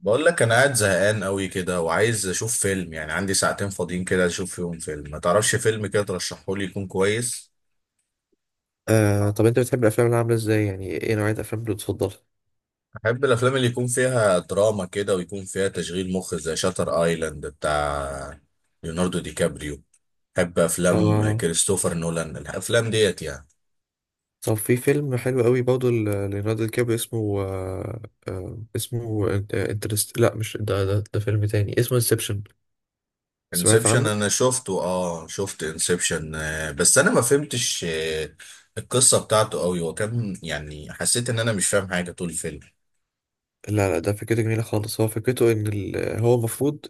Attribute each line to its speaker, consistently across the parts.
Speaker 1: بقول لك انا قاعد زهقان قوي كده، وعايز اشوف فيلم. يعني عندي ساعتين فاضيين كده اشوف فيهم فيلم. ما تعرفش فيلم كده ترشحه لي يكون كويس؟
Speaker 2: آه، طب انت بتحب الافلام اللي عامله ازاي، يعني ايه نوعيه الافلام اللي بتفضلها؟
Speaker 1: احب الافلام اللي يكون فيها دراما كده، ويكون فيها تشغيل مخ زي شاتر ايلاند بتاع ليوناردو دي كابريو. احب افلام
Speaker 2: آه
Speaker 1: كريستوفر نولان، الافلام ديت يعني.
Speaker 2: طب في فيلم حلو قوي برضه ليوناردو دي كابريو اسمه اسمه انترست. لا، مش ده فيلم تاني اسمه انسبشن. سمعت
Speaker 1: انسبشن
Speaker 2: عنه؟
Speaker 1: انا شفته، اه، شفت انسبشن. بس انا ما فهمتش القصة بتاعته قوي، وكان يعني حسيت ان انا مش فاهم حاجة طول الفيلم.
Speaker 2: لا، لا، ده فكرته جميله خالص. هو فكرته هو المفروض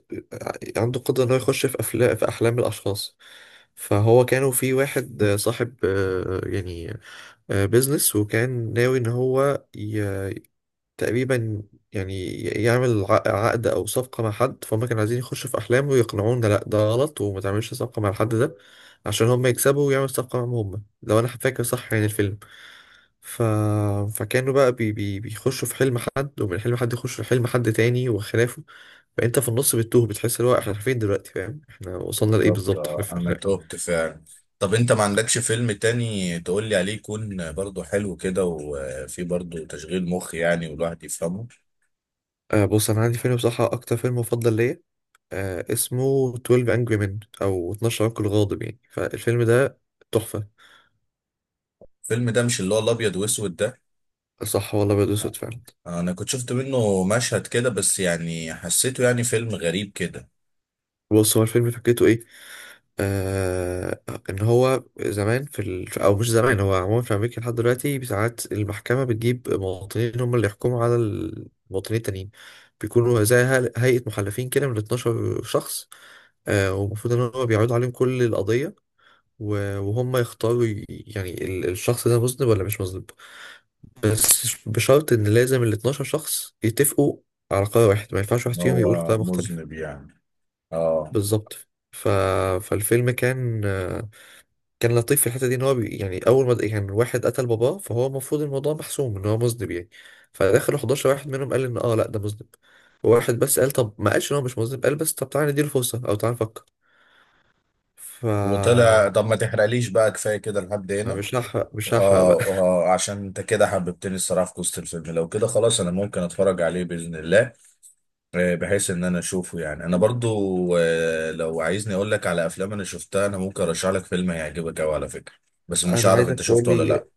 Speaker 2: عنده قدره ان هو يخش في افلام، في احلام الاشخاص. فهو كانوا في واحد صاحب يعني بيزنس، وكان ناوي ان هو تقريبا يعني يعمل عقد او صفقه مع حد، فهم كانوا عايزين يخشوا في احلامه ويقنعونا لا ده غلط وما تعملش صفقه مع الحد ده، عشان هم يكسبوا ويعملوا صفقه معاهم هم، لو انا فاكر صح يعني الفيلم. ف... فكانوا بقى بيخشوا في حلم حد، ومن حلم حد يخشوا في حلم حد تاني وخلافه. فانت في النص بتتوه، بتحس اللي هو احنا فين دلوقتي، فاهم؟ احنا وصلنا لايه
Speaker 1: بالظبط،
Speaker 2: بالظبط؟
Speaker 1: انا تهت فعلا. طب انت ما عندكش فيلم تاني تقول لي عليه، يكون برضو حلو كده وفيه برضو تشغيل مخ يعني، والواحد يفهمه؟
Speaker 2: آه، بص انا عندي فيلم، بصراحه اكتر فيلم مفضل ليا، اسمه 12 Angry Men أو 12 رجل غاضب، يعني فالفيلم ده تحفة.
Speaker 1: الفيلم ده مش اللي هو الابيض واسود ده؟
Speaker 2: صح والله، بيض أسود فعلا.
Speaker 1: انا كنت شفت منه مشهد كده، بس يعني حسيته يعني فيلم غريب كده.
Speaker 2: بص، هو الفيلم فكرته إيه؟ آه إن هو زمان أو مش زمان، هو عموما في أمريكا لحد دلوقتي، ساعات المحكمة بتجيب مواطنين هم اللي يحكموا على المواطنين التانيين. بيكونوا زي هيئة محلفين كده من 12 شخص. ومفروض إن هو بيعرضوا عليهم كل القضية، وهم يختاروا يعني الشخص ده مذنب ولا مش مذنب. بس بشرط ان لازم ال 12 شخص يتفقوا على قرار واحد، ما ينفعش واحد
Speaker 1: إن
Speaker 2: فيهم يقول
Speaker 1: هو
Speaker 2: قرار مختلف.
Speaker 1: مذنب يعني. اه.
Speaker 2: بالظبط. ف... فالفيلم كان لطيف في الحته دي، ان هو يعني اول ما يعني واحد قتل باباه، فهو المفروض الموضوع محسوم ان هو مذنب يعني. فدخلوا 11 واحد منهم قال ان لا ده مذنب. وواحد بس قال، طب ما قالش ان هو مش مذنب، قال بس طب تعالى نديله فرصه، او تعالى نفكر. ف
Speaker 1: وطلع. طب ما تحرقليش بقى، كفايه كده لحد
Speaker 2: ما
Speaker 1: هنا.
Speaker 2: مش هحرق، مش هحرق بقى.
Speaker 1: اه، عشان انت كده حببتني الصراحه في قصه الفيلم. لو كده خلاص انا ممكن اتفرج عليه باذن الله. بحيث ان انا اشوفه يعني. انا برضو لو عايزني اقول لك على افلام انا شفتها، انا ممكن ارشح لك فيلم هيعجبك قوي على فكره. بس مش
Speaker 2: انا
Speaker 1: عارف
Speaker 2: عايزك
Speaker 1: انت
Speaker 2: تقول
Speaker 1: شفته ولا
Speaker 2: لي.
Speaker 1: لا.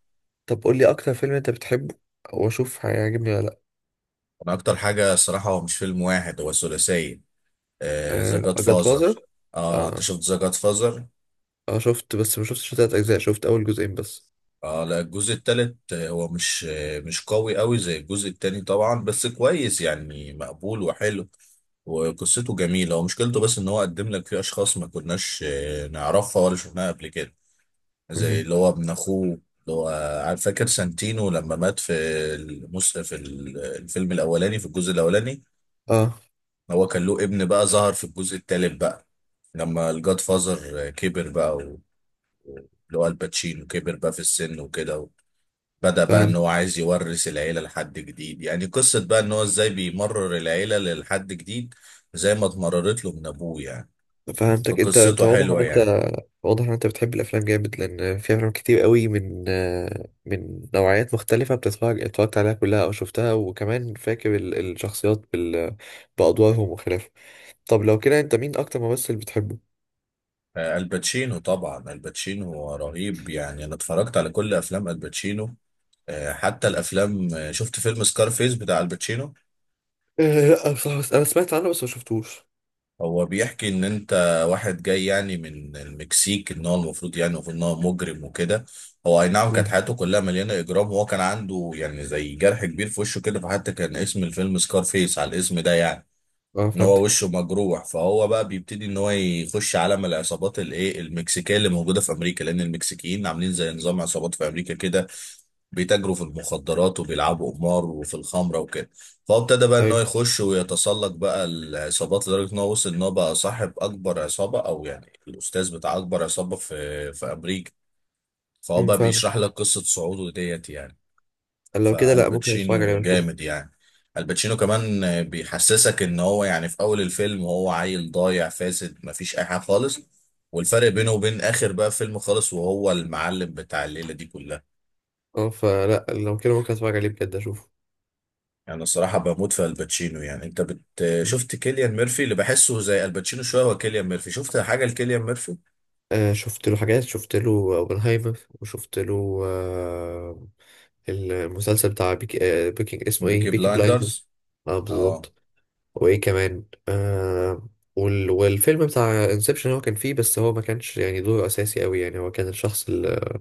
Speaker 2: طب قول لي اكتر فيلم انت بتحبه، واشوف هيعجبني ولا لا.
Speaker 1: انا اكتر حاجه الصراحه هو مش فيلم واحد، هو ثلاثيه. ذا
Speaker 2: آه،
Speaker 1: جاد
Speaker 2: جاد
Speaker 1: فازر. اه، The
Speaker 2: فازر.
Speaker 1: Godfather. انت
Speaker 2: اه،
Speaker 1: شفت ذا جاد فازر؟
Speaker 2: اه، شفت بس ما شفتش تلات اجزاء، شفت اول جزئين بس.
Speaker 1: اه لا، الجزء التالت هو مش مش قوي قوي زي الجزء التاني طبعا، بس كويس يعني مقبول وحلو. وقصته جميلة. ومشكلته بس ان هو قدم لك فيه اشخاص ما كناش نعرفها ولا شفناها قبل كده.
Speaker 2: مهم.
Speaker 1: زي اللي هو ابن اخوه. اللي هو عارف، فاكر سانتينو لما مات في في الفيلم الاولاني، في الجزء الاولاني.
Speaker 2: اه،
Speaker 1: هو كان له ابن بقى، ظهر في الجزء التالت بقى، لما الجاد فازر كبر بقى، اللي هو الباتشينو كبر بقى في السن وكده. بدأ بقى ان
Speaker 2: فهمت.
Speaker 1: هو عايز يورث العيلة لحد جديد. يعني قصة بقى ان هو ازاي بيمرر العيلة لحد جديد. زي ما اتمررت له من ابوه يعني.
Speaker 2: فهمتك. انت
Speaker 1: فقصته حلوة يعني.
Speaker 2: واضح ان انت بتحب الافلام جامد، لان في افلام كتير قوي من من نوعيات مختلفه، اتفرجت عليها كلها او شفتها، وكمان فاكر الشخصيات بادوارهم وخلافه. طب لو كده، انت مين اكتر ممثل بتحبه؟
Speaker 1: الباتشينو طبعا، الباتشينو رهيب يعني. انا اتفرجت على كل افلام الباتشينو. حتى الافلام شفت فيلم سكارفيس بتاع الباتشينو.
Speaker 2: لا بصراحة، بس انا سمعت عنه بس ما شفتوش.
Speaker 1: هو بيحكي ان انت واحد جاي يعني من المكسيك، ان هو المفروض يعني المفروض ان هو مجرم وكده. هو اي نعم كانت
Speaker 2: مم.
Speaker 1: حياته كلها مليانه اجرام. وهو كان عنده يعني زي جرح كبير في وشه كده، فحتى كان اسم الفيلم سكارفيس على الاسم ده يعني.
Speaker 2: اه،
Speaker 1: ان هو
Speaker 2: فهمتك.
Speaker 1: وشه مجروح، فهو بقى بيبتدي ان هو يخش عالم العصابات الايه المكسيكيه اللي موجوده في امريكا، لان المكسيكيين عاملين زي نظام عصابات في امريكا كده. بيتاجروا في المخدرات وبيلعبوا قمار وفي الخمره وكده. فهو ابتدى بقى ان
Speaker 2: أيوة.
Speaker 1: هو يخش ويتسلق بقى العصابات، لدرجه ان هو وصل ان هو بقى صاحب اكبر عصابه، او يعني الاستاذ بتاع اكبر عصابه في امريكا. فهو بقى بيشرح
Speaker 2: فاهمك.
Speaker 1: لك قصه صعوده ديت يعني.
Speaker 2: لو كده، لا، ممكن اتفرج
Speaker 1: فالباتشينو
Speaker 2: عليه اشوفه.
Speaker 1: جامد يعني. الباتشينو كمان بيحسسك ان هو يعني في اول الفيلم هو عيل ضايع فاسد، مفيش اي حاجه خالص. والفرق بينه وبين اخر بقى فيلم خالص، وهو المعلم بتاع الليله دي كلها.
Speaker 2: اه، فلا لو كده ممكن اتفرج عليه بجد اشوفه.
Speaker 1: يعني الصراحه بموت في الباتشينو يعني. انت بت... شفت كيليان ميرفي؟ اللي بحسه زي الباتشينو شويه هو كيليان ميرفي. شفت حاجه لكيليان ميرفي؟
Speaker 2: آه، شفت له حاجات، شفت له اوبنهايمر، وشفت له المسلسل بتاع بيكي، اسمه ايه،
Speaker 1: بيكي
Speaker 2: بيكي بلايندرز.
Speaker 1: بلايندرز.
Speaker 2: اه،
Speaker 1: اه.
Speaker 2: بالظبط. وايه كمان؟ والفيلم بتاع انسبشن هو كان فيه، بس هو ما كانش يعني دوره اساسي قوي، يعني هو كان الشخص اللي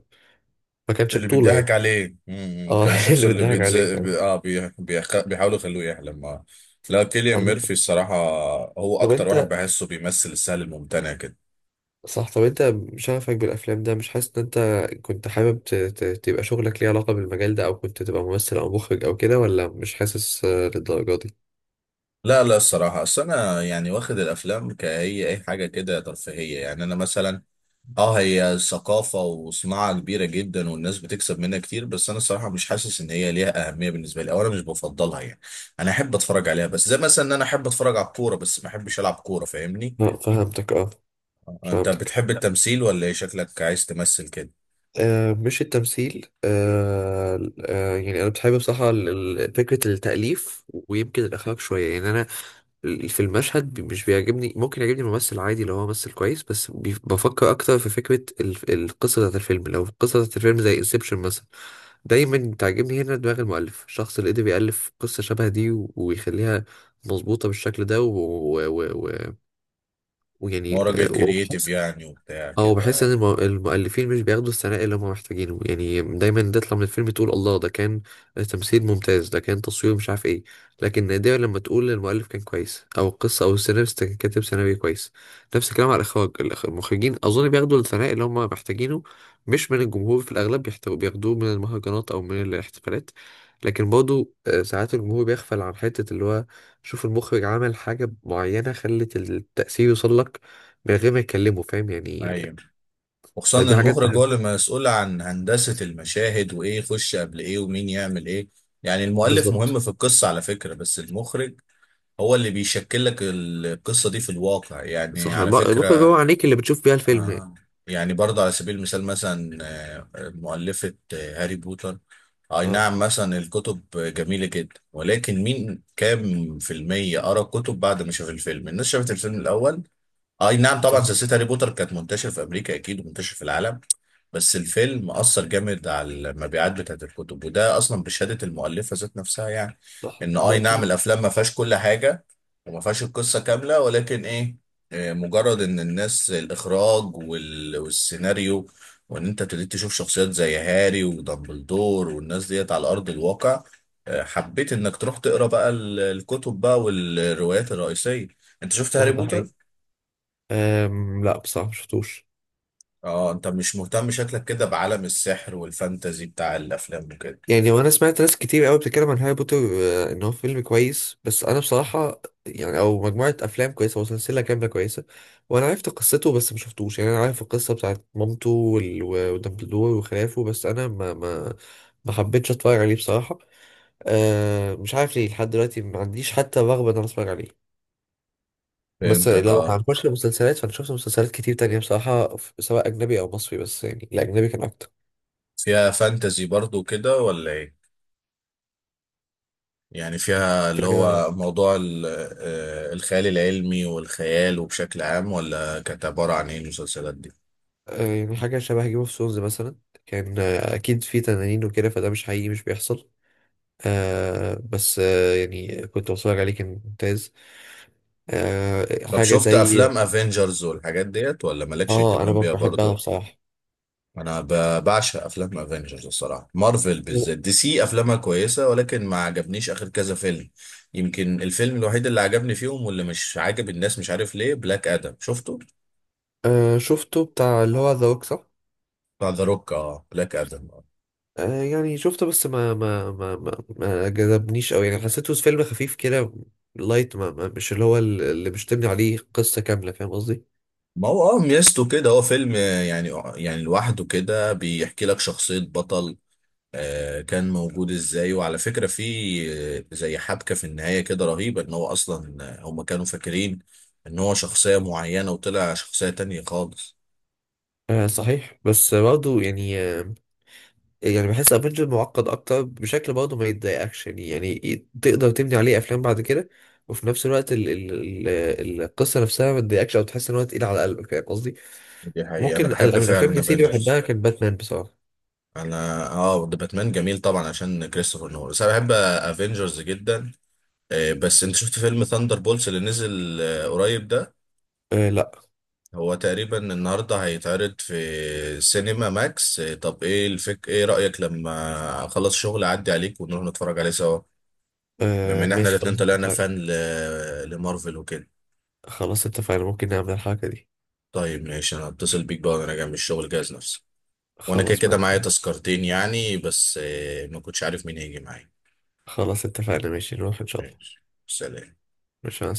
Speaker 2: ما كانش
Speaker 1: اللي
Speaker 2: بطولة
Speaker 1: بيضحك
Speaker 2: يعني.
Speaker 1: عليه،
Speaker 2: اه،
Speaker 1: كان الشخص
Speaker 2: اللي
Speaker 1: اللي
Speaker 2: بنضحك عليه فعلا.
Speaker 1: بيحاولوا يخلوه يحلم. لا، كيليان
Speaker 2: عندك حق.
Speaker 1: ميرفي الصراحة. هو
Speaker 2: طب
Speaker 1: أكتر واحد
Speaker 2: انت
Speaker 1: بحسه بيمثل السهل الممتنع كده.
Speaker 2: صح، طب انت شغفك بالافلام ده، مش حاسس ان انت كنت حابب تبقى شغلك ليه علاقة بالمجال ده، او كنت تبقى ممثل او مخرج او كده، ولا مش حاسس للدرجة دي؟
Speaker 1: لا لا الصراحة، أصل أنا يعني واخد الأفلام كهي أي حاجة كده ترفيهية يعني. أنا مثلا اه هي ثقافة وصناعة كبيرة جدا، والناس بتكسب منها كتير. بس أنا الصراحة مش حاسس إن هي ليها أهمية بالنسبة لي، أو أنا مش بفضلها يعني. أنا أحب أتفرج عليها، بس زي مثلا إن أنا أحب أتفرج على الكورة بس ما أحبش ألعب كورة، فاهمني؟
Speaker 2: لا، فهمتك اه.
Speaker 1: انت
Speaker 2: فهمتك.
Speaker 1: بتحب التمثيل ولا ايه؟ شكلك عايز تمثل كده.
Speaker 2: مش التمثيل. يعني انا بحب بصراحه فكره التاليف، ويمكن الاخراج شويه، يعني انا في المشهد مش بيعجبني، ممكن يعجبني ممثل عادي لو هو ممثل كويس، بس بفكر اكتر في فكره القصه بتاعت الفيلم، لو القصه بتاعت الفيلم زي انسبشن مثلا، دايما تعجبني هنا دماغ المؤلف، الشخص اللي قدر يألف قصه شبه دي ويخليها مظبوطه بالشكل ده. ويعني و... و... و... و-
Speaker 1: ما
Speaker 2: ويعني،
Speaker 1: هو راجل
Speaker 2: آه،
Speaker 1: كرييتيف يعني، وبتاع
Speaker 2: اه،
Speaker 1: كده.
Speaker 2: بحس ان
Speaker 1: اه.
Speaker 2: المؤلفين مش بياخدوا الثناء اللي هم محتاجينه، يعني دايما تطلع من الفيلم تقول الله، ده كان تمثيل ممتاز، ده كان تصوير، مش عارف ايه. لكن نادرا لما تقول المؤلف كان كويس، او القصه، او السيناريست كان كاتب سيناريو كويس. نفس الكلام على الاخراج. المخرجين اظن بياخدوا الثناء اللي هم محتاجينه، مش من الجمهور في الاغلب، بياخدوه من المهرجانات او من الاحتفالات. لكن برضه ساعات الجمهور بيغفل عن حته، اللي هو شوف، المخرج عمل حاجه معينه خلت التاثير يوصل لك من غير ما يكلمه، فاهم يعني.
Speaker 1: ايوه، وخصوصا إن
Speaker 2: فدي حاجات
Speaker 1: المخرج هو
Speaker 2: بحب.
Speaker 1: اللي مسؤول عن هندسة المشاهد، وايه يخش قبل ايه، ومين يعمل ايه. يعني المؤلف مهم
Speaker 2: بالظبط.
Speaker 1: في القصة على فكرة، بس المخرج هو اللي بيشكل لك القصة دي في الواقع يعني،
Speaker 2: صح،
Speaker 1: على
Speaker 2: المخرج
Speaker 1: فكرة.
Speaker 2: هو عينيك اللي بتشوف بيها الفيلم يعني.
Speaker 1: آه. يعني برضه على سبيل المثال مثلا، مؤلفة هاري بوتر. أي
Speaker 2: اه،
Speaker 1: نعم مثلا الكتب جميلة جدا، ولكن مين كام في المية قرأ الكتب بعد ما شاف الفيلم؟ الناس شافت الفيلم الأول. اي نعم طبعا،
Speaker 2: صح.
Speaker 1: سلسله هاري بوتر كانت منتشر في امريكا اكيد، ومنتشر في العالم. بس الفيلم اثر جامد على المبيعات بتاعت الكتب، وده اصلا بشهاده المؤلفه ذات نفسها يعني.
Speaker 2: صح
Speaker 1: ان
Speaker 2: ده
Speaker 1: اي نعم
Speaker 2: اكيد.
Speaker 1: الافلام ما فيهاش كل حاجه، وما فيهاش القصه كامله، ولكن ايه؟ مجرد ان الناس، الاخراج والسيناريو، وان انت ابتديت تشوف شخصيات زي هاري ودامبلدور والناس ديت على ارض الواقع. حبيت انك تروح تقرا بقى الكتب بقى، والروايات الرئيسيه. انت شفت
Speaker 2: صح،
Speaker 1: هاري
Speaker 2: ده
Speaker 1: بوتر؟
Speaker 2: حقيقي. لا بصراحة، مشفتوش.
Speaker 1: اه، انت مش مهتم شكلك كده بعالم السحر والفانتزي بتاع الافلام وكده.
Speaker 2: يعني وانا سمعت ناس كتير قوي بتتكلم عن هاري بوتر، ان هو فيلم كويس، بس انا بصراحة يعني، او مجموعة افلام كويسة، او سلسلة كاملة كويسة. وانا عرفت قصته بس ما شفتوش، يعني انا عارف القصة بتاعت مامته ودامبلدور وخلافه، بس انا ما حبيتش اتفرج عليه بصراحة. مش عارف ليه، لحد دلوقتي ما عنديش حتى رغبة ان انا اتفرج عليه. بس
Speaker 1: فهمتك.
Speaker 2: لو
Speaker 1: اه.
Speaker 2: هنخش المسلسلات، فانا شفت مسلسلات كتير تانية بصراحة، سواء اجنبي او مصري، بس يعني الاجنبي كان اكتر.
Speaker 1: فيها فانتزي برضو كده ولا ايه؟ يعني فيها
Speaker 2: في
Speaker 1: اللي
Speaker 2: حاجة
Speaker 1: هو موضوع الخيال العلمي والخيال، وبشكل عام ولا كانت عبارة عن ايه المسلسلات دي؟
Speaker 2: يعني حاجة شبه جيم اوف سونز مثلا. كان اكيد في تنانين وكده، فده مش حقيقي، مش بيحصل. بس يعني كنت بتفرج عليه كان ممتاز.
Speaker 1: طب
Speaker 2: حاجة
Speaker 1: شفت
Speaker 2: زي.
Speaker 1: افلام افنجرز والحاجات ديت، ولا مالكش
Speaker 2: اه، انا
Speaker 1: اهتمام بيها
Speaker 2: بحبها
Speaker 1: برضو؟
Speaker 2: بصراحة.
Speaker 1: انا بعشق افلام افنجرز الصراحه. مارفل بالذات. دي سي افلامها كويسه، ولكن ما عجبنيش اخر كذا فيلم. يمكن الفيلم الوحيد اللي عجبني فيهم واللي مش عاجب الناس، مش عارف ليه، بلاك ادم. شفته؟
Speaker 2: آه، شفته بتاع اللي هو ذا روك.
Speaker 1: بتاع ذا روك. اه، بلاك ادم.
Speaker 2: يعني شفته، بس ما جذبنيش قوي، يعني حسيته فيلم خفيف كده، لايت. ما ما مش اللي هو اللي مش تبني عليه قصة كاملة، فاهم قصدي؟
Speaker 1: ما هو ميزته كده هو فيلم، يعني يعني لوحده كده بيحكي لك شخصيه بطل كان موجود ازاي، وعلى فكره في زي حبكه في النهايه كده رهيبه، ان هو اصلا هم كانوا فاكرين ان هو شخصيه معينه، وطلع شخصيه تانية خالص.
Speaker 2: آه صحيح، بس برضه يعني يعني بحس افنجر معقد اكتر بشكل، برضه ما يتضايقكش، تقدر تبني عليه افلام بعد كده، وفي نفس الوقت ال ال ال القصة نفسها ما تضايقكش او تحس ان هو تقيل على قلبك، فاهم قصدي؟
Speaker 1: دي حقيقة، أنا
Speaker 2: ممكن
Speaker 1: بحب
Speaker 2: من الافلام
Speaker 1: فعلا
Speaker 2: اللي سيدي
Speaker 1: افنجرز.
Speaker 2: بحبها كان باتمان بصراحة.
Speaker 1: أنا ده باتمان جميل طبعا عشان كريستوفر نولان، بس أنا بحب افنجرز جدا. بس أنت شفت فيلم ثاندر بولز اللي نزل قريب ده؟
Speaker 2: آه، لا.
Speaker 1: هو تقريبا النهاردة هيتعرض في سينما ماكس. طب إيه رأيك لما أخلص شغل أعدي عليك ونروح نتفرج عليه سوا؟ بما
Speaker 2: آه،
Speaker 1: إن إحنا
Speaker 2: ماشي،
Speaker 1: الاتنين
Speaker 2: خلاص
Speaker 1: طلعنا
Speaker 2: اتفقنا.
Speaker 1: فان لمارفل وكده.
Speaker 2: خلاص اتفقنا، ممكن نعمل الحركة دي.
Speaker 1: طيب ماشي، أنا هتصل بيك بقى وأنا جاي من الشغل. جاهز نفسي. وأنا كده
Speaker 2: خلاص
Speaker 1: كده
Speaker 2: ما.
Speaker 1: معايا تذكرتين يعني، بس ما كنتش عارف مين هيجي معايا.
Speaker 2: خلاص اتفقنا، ماشي، نروح إن شاء الله.
Speaker 1: ماشي. سلام.
Speaker 2: مش، مع السلامة.